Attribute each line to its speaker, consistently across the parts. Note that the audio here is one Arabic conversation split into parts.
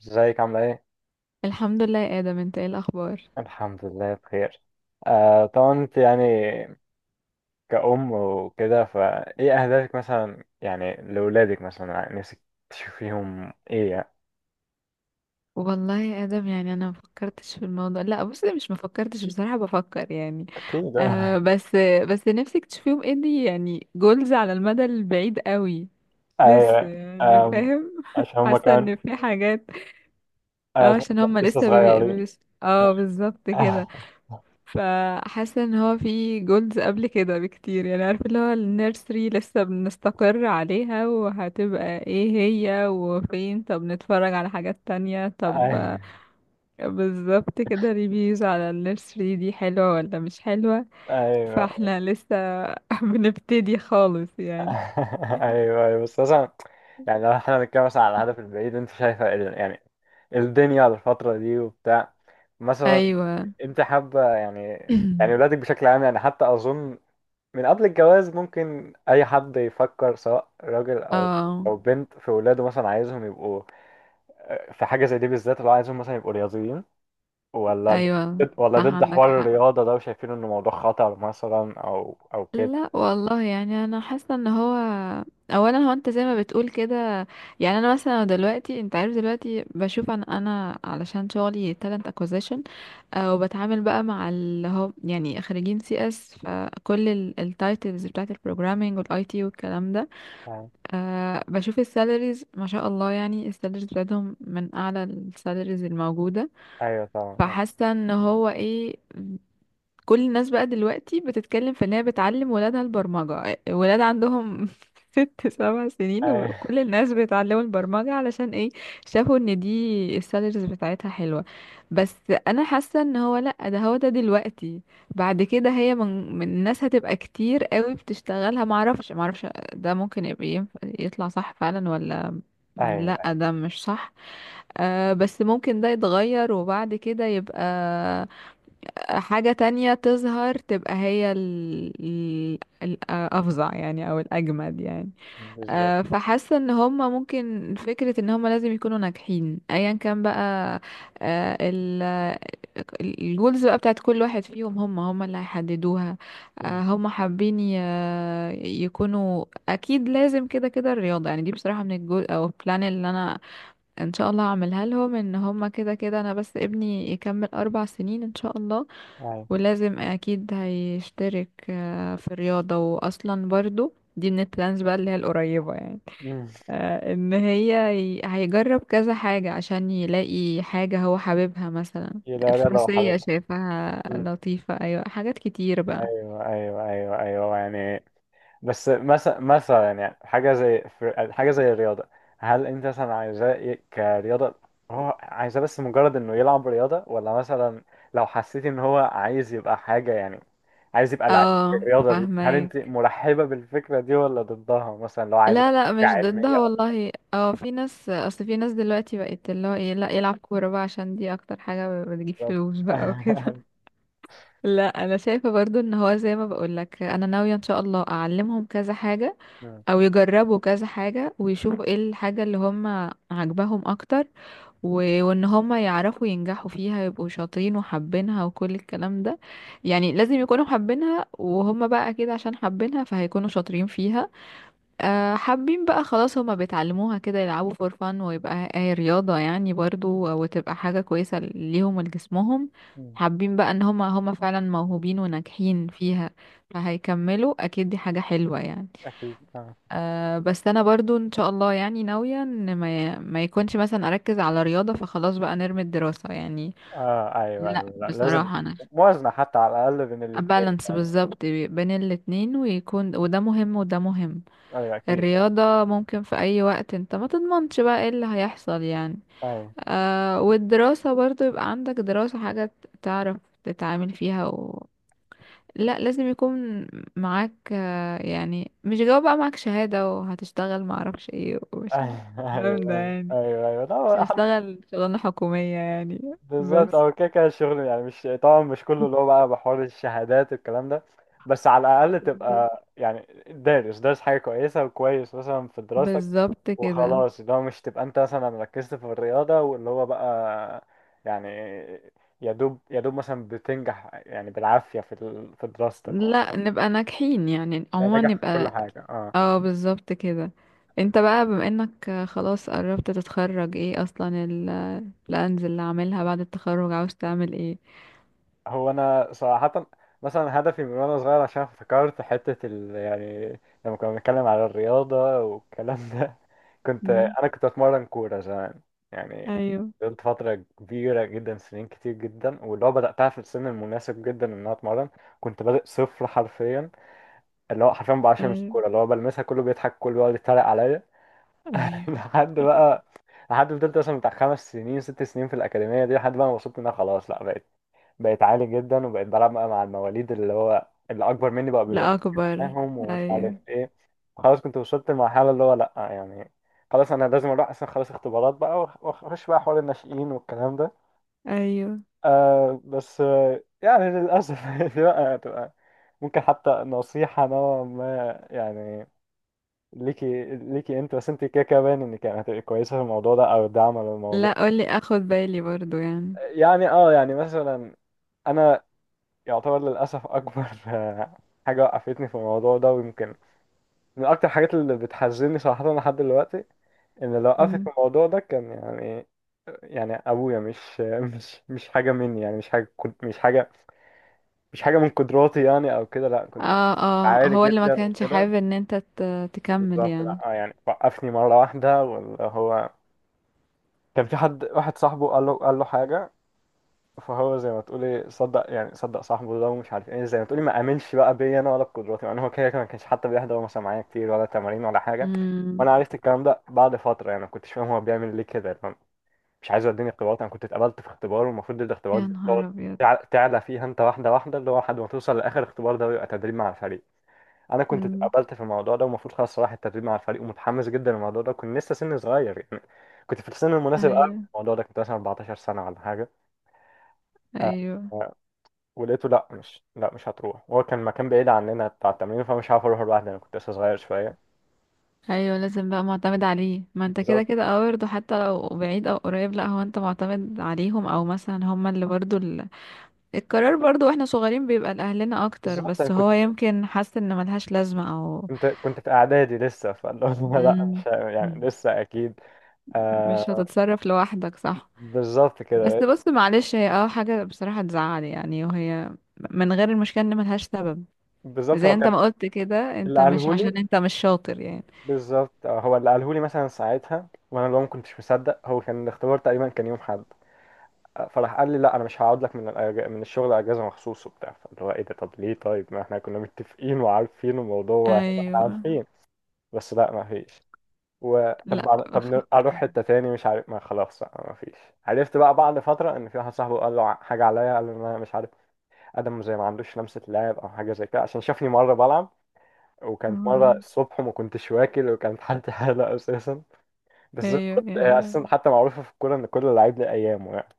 Speaker 1: ازيك عاملة ايه؟
Speaker 2: الحمد لله يا آدم، انت ايه الأخبار؟
Speaker 1: الحمد لله بخير. آه، طبعا انت يعني كأم وكده، فايه أهدافك مثلا يعني لأولادك؟ مثلا يعني نفسك تشوفيهم ايه يعني؟
Speaker 2: والله يا آدم، يعني أنا مفكرتش في الموضوع، لا بص، مش مفكرتش بصراحة، بفكر يعني.
Speaker 1: أكيد، آه.
Speaker 2: آه بس. بس نفسك تشوفيهم ايه؟ دي يعني جولز على المدى البعيد قوي. لسه
Speaker 1: ايوه.
Speaker 2: يعني،
Speaker 1: آم،
Speaker 2: فاهم؟
Speaker 1: عشان هما
Speaker 2: حاسة ان
Speaker 1: كان
Speaker 2: في حاجات. اه،
Speaker 1: عشان
Speaker 2: عشان هما
Speaker 1: لسه
Speaker 2: لسه
Speaker 1: صغيرين.
Speaker 2: اه بالظبط كده. فحاسه ان هو في جولز قبل كده بكتير، يعني عارف، اللي هو النيرسري لسه بنستقر عليها وهتبقى ايه هي وفين، طب نتفرج على حاجات تانية، طب بالظبط كده، ريفيوز على النيرسري دي حلوة ولا مش حلوة.
Speaker 1: ايوه.
Speaker 2: فاحنا لسه بنبتدي خالص يعني.
Speaker 1: ايوه، ايوه، بس مثلا يعني لو احنا بنتكلم مثلا على الهدف البعيد، انت شايفه يعني الدنيا الفترة دي وبتاع، مثلا
Speaker 2: ايوه.
Speaker 1: انت حابة يعني ولادك بشكل عام يعني؟ حتى اظن من قبل الجواز ممكن اي حد يفكر، سواء راجل او
Speaker 2: اه.
Speaker 1: او بنت، في ولاده مثلا عايزهم يبقوا، في حاجة زي دي بالذات، اللي هو عايزهم مثلا يبقوا رياضيين ولا ضد
Speaker 2: ايوه،
Speaker 1: ولا
Speaker 2: صح،
Speaker 1: ضد
Speaker 2: عندك
Speaker 1: حوار
Speaker 2: حق.
Speaker 1: الرياضة ده، وشايفين انه موضوع خطر مثلا، او كده؟
Speaker 2: لا والله، يعني انا حاسه ان هو، اولا هو انت زي ما بتقول كده. يعني انا مثلا دلوقتي انت عارف، دلوقتي بشوف، انا علشان شغلي talent acquisition. وبتعامل بقى مع اللي هو يعني خريجين CS، فكل التايتلز بتاعت البروجرامينج والاي تي والكلام ده. بشوف السالاريز، ما شاء الله، يعني السالاريز بتاعتهم من اعلى السالاريز الموجوده.
Speaker 1: ايوه طبعا.
Speaker 2: فحاسه ان هو ايه، كل الناس بقى دلوقتي بتتكلم في ان هي بتعلم ولادها البرمجة، ولاد عندهم 6-7 سنين
Speaker 1: ايوه،
Speaker 2: وكل الناس بيتعلموا البرمجة، علشان ايه؟ شافوا ان دي السالاريز بتاعتها حلوة. بس انا حاسة ان هو، لا ده هو ده دلوقتي، بعد كده هي من الناس هتبقى كتير قوي بتشتغلها، معرفش معرفش. ده ممكن يبقى يطلع صح فعلا، ولا
Speaker 1: ايوه،
Speaker 2: لا ده مش صح. بس ممكن ده يتغير وبعد كده يبقى حاجة تانية تظهر، تبقى هي الأفظع يعني أو الأجمد يعني.
Speaker 1: بالظبط.
Speaker 2: فحاسة ان هما ممكن فكرة ان هما لازم يكونوا ناجحين ايا كان بقى. آه، ال- الجولز بقى بتاعت كل واحد فيهم، هم هم اللي هيحددوها.
Speaker 1: مم.
Speaker 2: هم حابين يكونوا. اكيد لازم كده كده الرياضة يعني، دي بصراحة من الجول او البلان اللي انا ان شاء الله هعملها لهم، ان هم كده كده، انا بس ابني يكمل 4 سنين ان شاء الله.
Speaker 1: ايوه.
Speaker 2: ولازم اكيد هيشترك في الرياضة، واصلا برضو دي من البلانز بقى اللي هي القريبة يعني.
Speaker 1: مم.
Speaker 2: ان هي هيجرب كذا حاجة عشان يلاقي حاجة هو حاببها مثلا.
Speaker 1: يلا رياضة
Speaker 2: الفروسية
Speaker 1: وحركة.
Speaker 2: شايفها
Speaker 1: مم.
Speaker 2: لطيفة، ايوه حاجات كتير بقى.
Speaker 1: ايوه ايوه ايوه ايوه يعني، بس مثلا يعني حاجة زي حاجة زي الرياضة، هل انت مثلا عايزاه كرياضة؟ هو عايزاه بس مجرد انه يلعب رياضة، ولا مثلا لو حسيت ان هو عايز يبقى حاجة يعني، عايز يبقى لعيب في
Speaker 2: اه،
Speaker 1: الرياضة دي، هل انت
Speaker 2: فاهمك.
Speaker 1: مرحبة بالفكرة دي ولا ضدها؟ مثلا لو عايزاه
Speaker 2: لا لا، مش ضدها
Speaker 1: كعلمية أو،
Speaker 2: والله، اه في ناس، اصل في ناس دلوقتي بقت اللي هو ايه، لا يلعب كورة بقى عشان دي اكتر حاجة بتجيب
Speaker 1: بالظبط.
Speaker 2: فلوس بقى وكده. لا، انا شايفه برضو ان هو زي ما بقولك، انا ناويه ان شاء الله اعلمهم كذا حاجه،
Speaker 1: مم.
Speaker 2: او يجربوا كذا حاجه، ويشوفوا ايه الحاجه اللي هم عاجباهم اكتر، و- وان هم يعرفوا ينجحوا فيها، يبقوا شاطرين وحابينها وكل الكلام ده. يعني لازم يكونوا حابينها، وهم بقى اكيد عشان حابينها فهيكونوا شاطرين فيها. حابين بقى، خلاص هما بيتعلموها كده، يلعبوا فور فان ويبقى هي رياضة يعني برضو، وتبقى حاجة كويسة ليهم ولجسمهم.
Speaker 1: مم.
Speaker 2: حابين بقى ان هما هما فعلا موهوبين وناجحين فيها، فهيكملوا اكيد، دي حاجة حلوة يعني.
Speaker 1: أكيد.
Speaker 2: بس انا برضو ان شاء الله يعني ناوية ان ما يكونش مثلا اركز على رياضة فخلاص بقى نرمي الدراسة يعني.
Speaker 1: اه، ايوه
Speaker 2: لا
Speaker 1: ايوه، لا لازم
Speaker 2: بصراحة انا،
Speaker 1: موازنة حتى على الأقل بين الاتنين
Speaker 2: بالانس
Speaker 1: يعني.
Speaker 2: بالظبط بين الاتنين، ويكون وده مهم وده مهم.
Speaker 1: ايوه اكيد.
Speaker 2: الرياضة ممكن في أي وقت، انت ما تضمنش بقى ايه اللي هيحصل يعني.
Speaker 1: ايوه
Speaker 2: والدراسة برضو، يبقى عندك دراسة حاجة تعرف تتعامل فيها لا لازم يكون معاك، يعني مش جواب بقى، معاك شهادة وهتشتغل معرفش ايه ومش
Speaker 1: ايوه
Speaker 2: الكلام
Speaker 1: ايوه
Speaker 2: ده
Speaker 1: ايوه
Speaker 2: يعني.
Speaker 1: ايوه ايوه، لا،
Speaker 2: مش هشتغل شغلانة حكومية يعني.
Speaker 1: بالظبط،
Speaker 2: بس.
Speaker 1: هو كده كده الشغل يعني، مش طبعا مش كله اللي هو بقى بحوار الشهادات والكلام ده، بس على الأقل
Speaker 2: بالظبط
Speaker 1: تبقى يعني دارس حاجة كويسة، وكويس مثلا في دراستك،
Speaker 2: بالظبط كده.
Speaker 1: وخلاص اللي هو مش تبقى انت مثلا ركزت في الرياضة واللي هو بقى، يعني يا دوب يا دوب مثلا بتنجح يعني بالعافية في دراستك،
Speaker 2: لا نبقى ناجحين يعني،
Speaker 1: يعني
Speaker 2: عموما
Speaker 1: نجح في كل
Speaker 2: نبقى.
Speaker 1: حاجة. اه.
Speaker 2: اه بالظبط كده. انت بقى بما انك خلاص قربت تتخرج، ايه اصلا البلانز اللي عاملها بعد التخرج، عاوز تعمل ايه؟
Speaker 1: هو انا صراحة مثلا هدفي من وانا صغير، عشان افتكرت حتة يعني لما كنا بنتكلم على الرياضة والكلام ده، كنت
Speaker 2: مم.
Speaker 1: انا كنت اتمرن كورة زمان يعني.
Speaker 2: ايوه
Speaker 1: فضلت فترة كبيرة جدا، سنين كتير جدا، واللي هو بدأتها في السن المناسب جدا ان انا اتمرن. كنت بادئ صفر حرفيا، اللي هو حرفيا بعرفش امسك
Speaker 2: ايوه
Speaker 1: الكورة، اللي هو بلمسها كله بيضحك، كله بيقعد يتريق عليا.
Speaker 2: ايوه.
Speaker 1: لحد بقى لحد فضلت مثلا بتاع 5 سنين، 6 سنين في الأكاديمية دي، لحد بقى ما وصلت إن أنا خلاص لأ، بقيت عالي جدا، وبقيت بلعب بقى مع المواليد، اللي اكبر مني، بقى بيبقى
Speaker 2: لا اكبر.
Speaker 1: معاهم، ومش عارف
Speaker 2: ايوه
Speaker 1: ايه. خلاص كنت وصلت لمرحله اللي هو لا يعني خلاص انا لازم اروح، اصلا خلاص اختبارات بقى، واخش بقى حوار الناشئين والكلام ده.
Speaker 2: ايوه.
Speaker 1: بس، يعني للاسف دي بقى هتبقى ممكن حتى نصيحه نوعا ما يعني، ليكي انت، بس انت كده كده باين انك يعني هتبقي كويسه في الموضوع ده او داعمه
Speaker 2: لا
Speaker 1: للموضوع
Speaker 2: قولي، اخد بالي برضو يعني.
Speaker 1: يعني. اه، يعني مثلا انا يعتبر للأسف أكبر حاجة وقفتني في الموضوع ده، ويمكن من أكتر الحاجات اللي بتحزني صراحة لحد دلوقتي، إن اللي وقفني في
Speaker 2: مم.
Speaker 1: الموضوع ده كان يعني أبويا مش مش حاجة مني يعني، مش حاجة كنت، مش حاجة، مش حاجة من قدراتي يعني أو كده، لأ كنت
Speaker 2: اه اه،
Speaker 1: عالي
Speaker 2: هو اللي ما
Speaker 1: جدا
Speaker 2: كانش
Speaker 1: وكده.
Speaker 2: حابب ان انت تكمل
Speaker 1: بالظبط،
Speaker 2: يعني؟
Speaker 1: لأ يعني وقفني مرة واحدة، واللي هو كان في حد واحد صاحبه قال له حاجة. فهو زي ما تقولي صدق، يعني صدق صاحبه ده، ومش عارف ايه، زي ما تقولي ما امنش بقى بيا انا ولا بقدراتي يعني. هو كده كده ما كانش حتى بيحضر مثلا معايا كتير، ولا تمارين ولا حاجه.
Speaker 2: مم.
Speaker 1: وانا عرفت الكلام ده بعد فتره يعني، ما كنتش فاهم هو بيعمل ليه كده يعني. مش عايز يديني اختبارات. انا كنت اتقبلت في اختبار، والمفروض الاختبارات
Speaker 2: يا
Speaker 1: دي تقعد
Speaker 2: نهار ابيض.
Speaker 1: تعلى فيها انت واحده واحده، اللي هو لحد ما توصل لاخر اختبار ده، ويبقى تدريب مع الفريق. انا كنت
Speaker 2: مم.
Speaker 1: اتقبلت في الموضوع ده، ومفروض خلاص رايح التدريب مع الفريق، ومتحمس جدا للموضوع ده، كنت لسه سني صغير يعني، كنت في السن المناسب قوي
Speaker 2: ايوه
Speaker 1: الموضوع ده، كنت مثلا 14 سنه ولا حاجه. آه،
Speaker 2: ايوه
Speaker 1: ولقيته لا، مش هتروح. هو كان مكان بعيد عننا بتاع التمرين، فمش عارف اروح لوحدي، انا كنت لسه صغير شويه.
Speaker 2: ايوه، لازم بقى معتمد عليه، ما انت كده
Speaker 1: بالظبط.
Speaker 2: كده، اه برضه حتى لو بعيد او قريب، لا هو انت معتمد عليهم، او مثلا هما اللي برضه القرار برضه، واحنا صغيرين بيبقى لاهلنا اكتر،
Speaker 1: بالظبط، انا
Speaker 2: بس
Speaker 1: كنت
Speaker 2: هو يمكن حاسس ان ملهاش لازمة او.
Speaker 1: كنت كنت في اعدادي لسه، فاللي هو لا
Speaker 2: مم.
Speaker 1: مش يعني لسه اكيد.
Speaker 2: مش
Speaker 1: آه.
Speaker 2: هتتصرف لوحدك، صح.
Speaker 1: بالظبط
Speaker 2: بس
Speaker 1: كده.
Speaker 2: بص، معلش هي اه حاجة بصراحة تزعل يعني، وهي من غير المشكلة ان ملهاش سبب،
Speaker 1: بالظبط
Speaker 2: زي
Speaker 1: هو
Speaker 2: انت
Speaker 1: كان،
Speaker 2: ما قلت كده،
Speaker 1: اللي
Speaker 2: انت مش
Speaker 1: قالهولي،
Speaker 2: عشان انت مش شاطر يعني.
Speaker 1: بالظبط، هو اللي قالهولي مثلا ساعتها، وانا اللي هو ما كنتش مصدق. هو كان الاختبار تقريبا كان يوم حد. فراح قال لي لا انا مش هقعد لك من الشغل اجازه مخصوص وبتاع، فاللي هو ايه ده، طب ليه؟ طيب ما احنا كنا متفقين وعارفين الموضوع، واحنا
Speaker 2: ايوه،
Speaker 1: عارفين. بس لا، ما فيش. وطب
Speaker 2: لا.
Speaker 1: طب اروح حته تاني مش عارف، ما خلاص بقى ما فيش. عرفت بقى بعد فتره ان في واحد صاحبه قال له حاجه عليا، قال له ان انا مش عارف ادم زي ما عندوش لمسه لعب او حاجه زي كده، عشان شافني مره بلعب، وكانت مره
Speaker 2: آه.
Speaker 1: الصبح وما كنتش واكل، وكانت حالتي حاله اساسا. بس زي ما
Speaker 2: ايوه
Speaker 1: قلت، هي اساسا حتى معروفه في الكوره ان كل لعيب له ايامه يعني.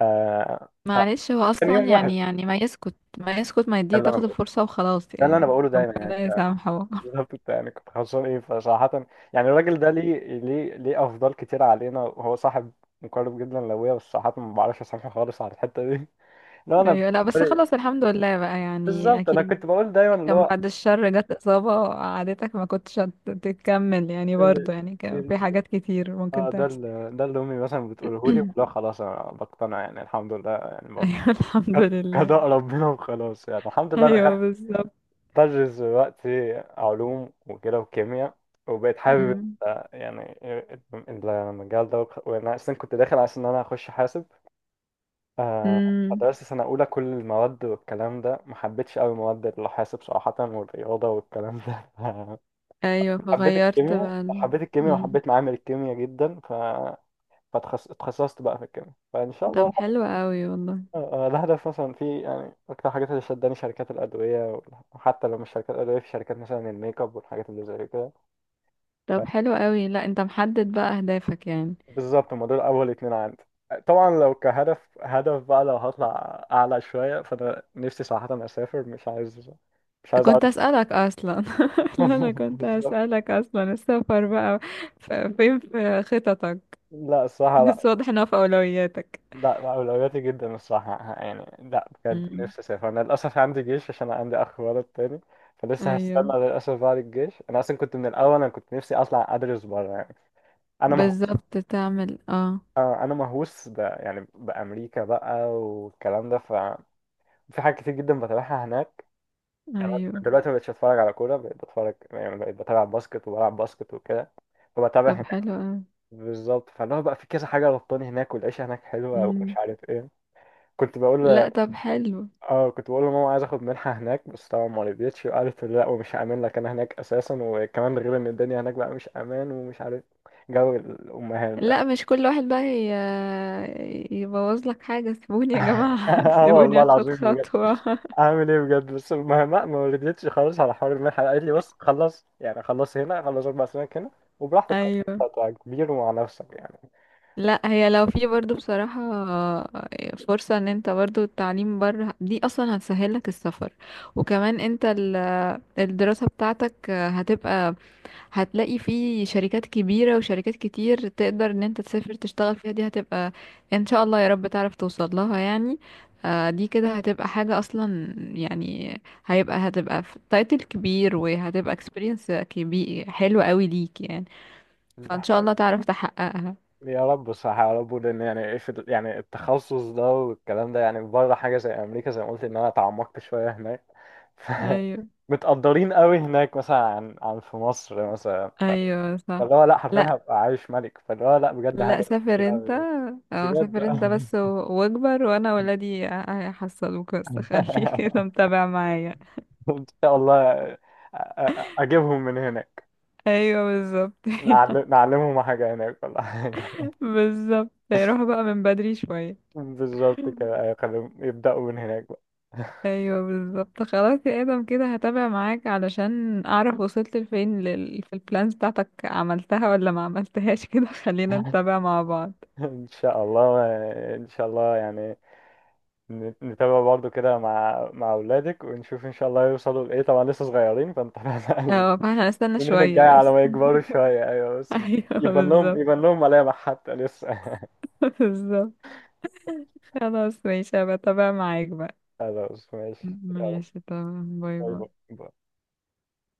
Speaker 1: آه
Speaker 2: معلش هو
Speaker 1: فكان
Speaker 2: اصلا
Speaker 1: يوم وحش.
Speaker 2: يعني ما يسكت ما يسكت، ما
Speaker 1: ده
Speaker 2: يديه
Speaker 1: اللي انا
Speaker 2: تاخد
Speaker 1: بقوله،
Speaker 2: الفرصة وخلاص،
Speaker 1: ده اللي انا
Speaker 2: يعني
Speaker 1: بقوله دايما يعني.
Speaker 2: ربنا يسامحه.
Speaker 1: بالظبط، انت يعني كنت خسران ايه فصراحة. يعني الراجل ده ليه افضال كتير علينا، وهو صاحب مقرب جدا لابويا، بس صراحة ما بعرفش اسامحه خالص على الحتة دي. لا انا
Speaker 2: ايوه، لا بس
Speaker 1: بالنسبة
Speaker 2: خلاص، الحمد لله بقى يعني،
Speaker 1: بالظبط، انا
Speaker 2: اكيد.
Speaker 1: كنت بقول دايما اللي
Speaker 2: كان
Speaker 1: هو،
Speaker 2: بعد الشر جت اصابة عادتك، ما كنتش تكمل يعني
Speaker 1: ال-
Speaker 2: برضه، يعني كان في
Speaker 1: ال-
Speaker 2: حاجات كتير
Speaker 1: اه
Speaker 2: ممكن
Speaker 1: ده
Speaker 2: تحصل.
Speaker 1: اللي ده اللي امي مثلا بتقوله لي، لا خلاص انا بقتنع يعني، الحمد لله يعني برضه.
Speaker 2: ايوه الحمد لله.
Speaker 1: قضاء ربنا وخلاص يعني، الحمد لله
Speaker 2: ايوه
Speaker 1: دخلت
Speaker 2: بالظبط.
Speaker 1: بدرس دلوقتي علوم وكده وكيمياء، وبقيت حابب
Speaker 2: أمم.
Speaker 1: يعني المجال ده، وانا اصلا كنت داخل عشان انا اخش حاسب. آه،
Speaker 2: أمم.
Speaker 1: فدرست سنة أولى كل المواد والكلام ده، ما حبيتش أوي مواد الحاسب صراحة، والرياضة والكلام ده.
Speaker 2: ايوه
Speaker 1: حبيت
Speaker 2: فغيرت
Speaker 1: الكيمياء
Speaker 2: بقى
Speaker 1: حبيت الكيمياء
Speaker 2: أمم.
Speaker 1: وحبيت معامل الكيمياء جدا، فتخصصت بقى في الكيمياء، فإن شاء
Speaker 2: طب
Speaker 1: الله.
Speaker 2: حلو قوي والله.
Speaker 1: ده هدف مثلا في، يعني أكتر حاجات اللي شداني شركات الأدوية، وحتى لو مش شركات أدوية في شركات مثلا الميك اب والحاجات اللي زي كده.
Speaker 2: طب حلو قوي، لا انت محدد بقى اهدافك يعني.
Speaker 1: بالظبط، هما دول أول 2 عندي. طبعا لو كهدف، هدف بقى، لو هطلع أعلى شوية، فأنا نفسي صراحة أسافر، مش عايز أقعد.
Speaker 2: كنت اسالك اصلا. لا انا كنت
Speaker 1: بالظبط.
Speaker 2: هسألك اصلا، السفر بقى فين في خططك؟
Speaker 1: لا الصراحة
Speaker 2: بس
Speaker 1: لا.
Speaker 2: واضح انها في اولوياتك.
Speaker 1: لا، أولوياتي جدا الصراحة يعني، لا بجد
Speaker 2: مم.
Speaker 1: نفسي أسافر. أنا للأسف عندي جيش، عشان أنا عندي أخ ولد تاني، فلسه هستنى
Speaker 2: ايوه
Speaker 1: للأسف بعد الجيش. أنا أصلا كنت من الأول، أنا كنت نفسي أطلع أدرس بره يعني. انا مهووس.
Speaker 2: بالظبط، تعمل اه.
Speaker 1: يعني بامريكا بقى والكلام ده، ففي حاجات كتير جدا بتابعها هناك يعني. أنا
Speaker 2: ايوه.
Speaker 1: دلوقتي ما بقتش اتفرج على كوره، بقيت بتفرج يعني، بقيت بتابع باسكت وبلعب باسكت وكده، فبتابع
Speaker 2: طب
Speaker 1: هناك.
Speaker 2: حلو اوي.
Speaker 1: بالظبط، فاللي هو بقى في كذا حاجه ربطاني هناك، والعيشه هناك حلوه
Speaker 2: مم.
Speaker 1: ومش عارف ايه. كنت بقول ل-
Speaker 2: لا طب حلو.
Speaker 1: اه كنت بقول لماما عايز اخد منحه هناك، بس طبعا ما رضيتش وقالت لا ومش هامن لك انا هناك اساسا، وكمان غير ان الدنيا هناك بقى مش امان ومش عارف، جو الامهات ده.
Speaker 2: لا مش كل واحد بقى يبوظ لك حاجة، سيبوني يا جماعة
Speaker 1: اه
Speaker 2: سيبوني
Speaker 1: والله
Speaker 2: اخد
Speaker 1: العظيم.
Speaker 2: خطوة.
Speaker 1: عامل ايه بجد، بس ما ردتش خالص على حوار المنحة، قالت لي بص خلص يعني، خلص هنا، خلص 4 سنين هنا وبراحتك،
Speaker 2: ايوه.
Speaker 1: هتبقى كبير ومع نفسك يعني.
Speaker 2: لا هي لو في برضو بصراحة فرصة ان انت برضو التعليم بره دي اصلا هتسهل لك السفر، وكمان انت الدراسة بتاعتك هتبقى، هتلاقي في شركات كبيرة وشركات كتير تقدر ان انت تسافر تشتغل فيها، دي هتبقى ان شاء الله يا رب تعرف توصل لها يعني. دي كده هتبقى حاجة اصلا يعني، هتبقى في تايتل كبير، وهتبقى اكسبيرينس كبير حلو قوي ليك يعني.
Speaker 1: ده
Speaker 2: فان شاء
Speaker 1: حقيقي.
Speaker 2: الله تعرف تحققها.
Speaker 1: يا رب بصراحة، يا رب، لأن يعني إيه في يعني التخصص ده والكلام ده يعني، بره حاجة زي أمريكا، زي ما قلت إن أنا اتعمقت شوية هناك.
Speaker 2: ايوه
Speaker 1: متقدرين قوي هناك مثلا، عن في مصر مثلا،
Speaker 2: ايوه صح.
Speaker 1: فاللي هو لا حرفيا هبقى عايش ملك، فاللي هو لا بجد
Speaker 2: لا
Speaker 1: هدف كبير
Speaker 2: سافر انت.
Speaker 1: قوي
Speaker 2: اه
Speaker 1: بجد.
Speaker 2: سافر انت بس واكبر، وانا ولادي هيحصلوك بس خليك كده متابع معايا.
Speaker 1: ان شاء الله، اجيبهم من هناك،
Speaker 2: ايوه بالظبط
Speaker 1: نعلمهم حاجه هناك ولا حاجه.
Speaker 2: بالظبط روح بقى من بدري شوية.
Speaker 1: بالظبط كده، أيوة، خليهم يبداوا من هناك بقى.
Speaker 2: ايوه بالظبط، خلاص يا ادم كده هتابع معاك علشان اعرف وصلت لفين في البلانز بتاعتك عملتها ولا ما عملتهاش كده خلينا نتابع مع بعض.
Speaker 1: ان شاء الله، يعني نتابع برضو كده مع اولادك، ونشوف ان شاء الله يوصلوا لايه. طبعا لسه صغيرين فانت
Speaker 2: اه فاحنا هنستنى
Speaker 1: السنين
Speaker 2: شوية
Speaker 1: الجايه
Speaker 2: بس.
Speaker 1: على ما يكبروا شويه. ايوه بس
Speaker 2: ايوه
Speaker 1: يبان لهم
Speaker 2: بالظبط.
Speaker 1: يبان لهم ملامح حتى لسه.
Speaker 2: بالظبط خلاص ماشي، هبقى اتابع معاك بقى.
Speaker 1: خلاص ماشي. يلا.
Speaker 2: ماشي تمام، باي
Speaker 1: باي
Speaker 2: باي.
Speaker 1: باي.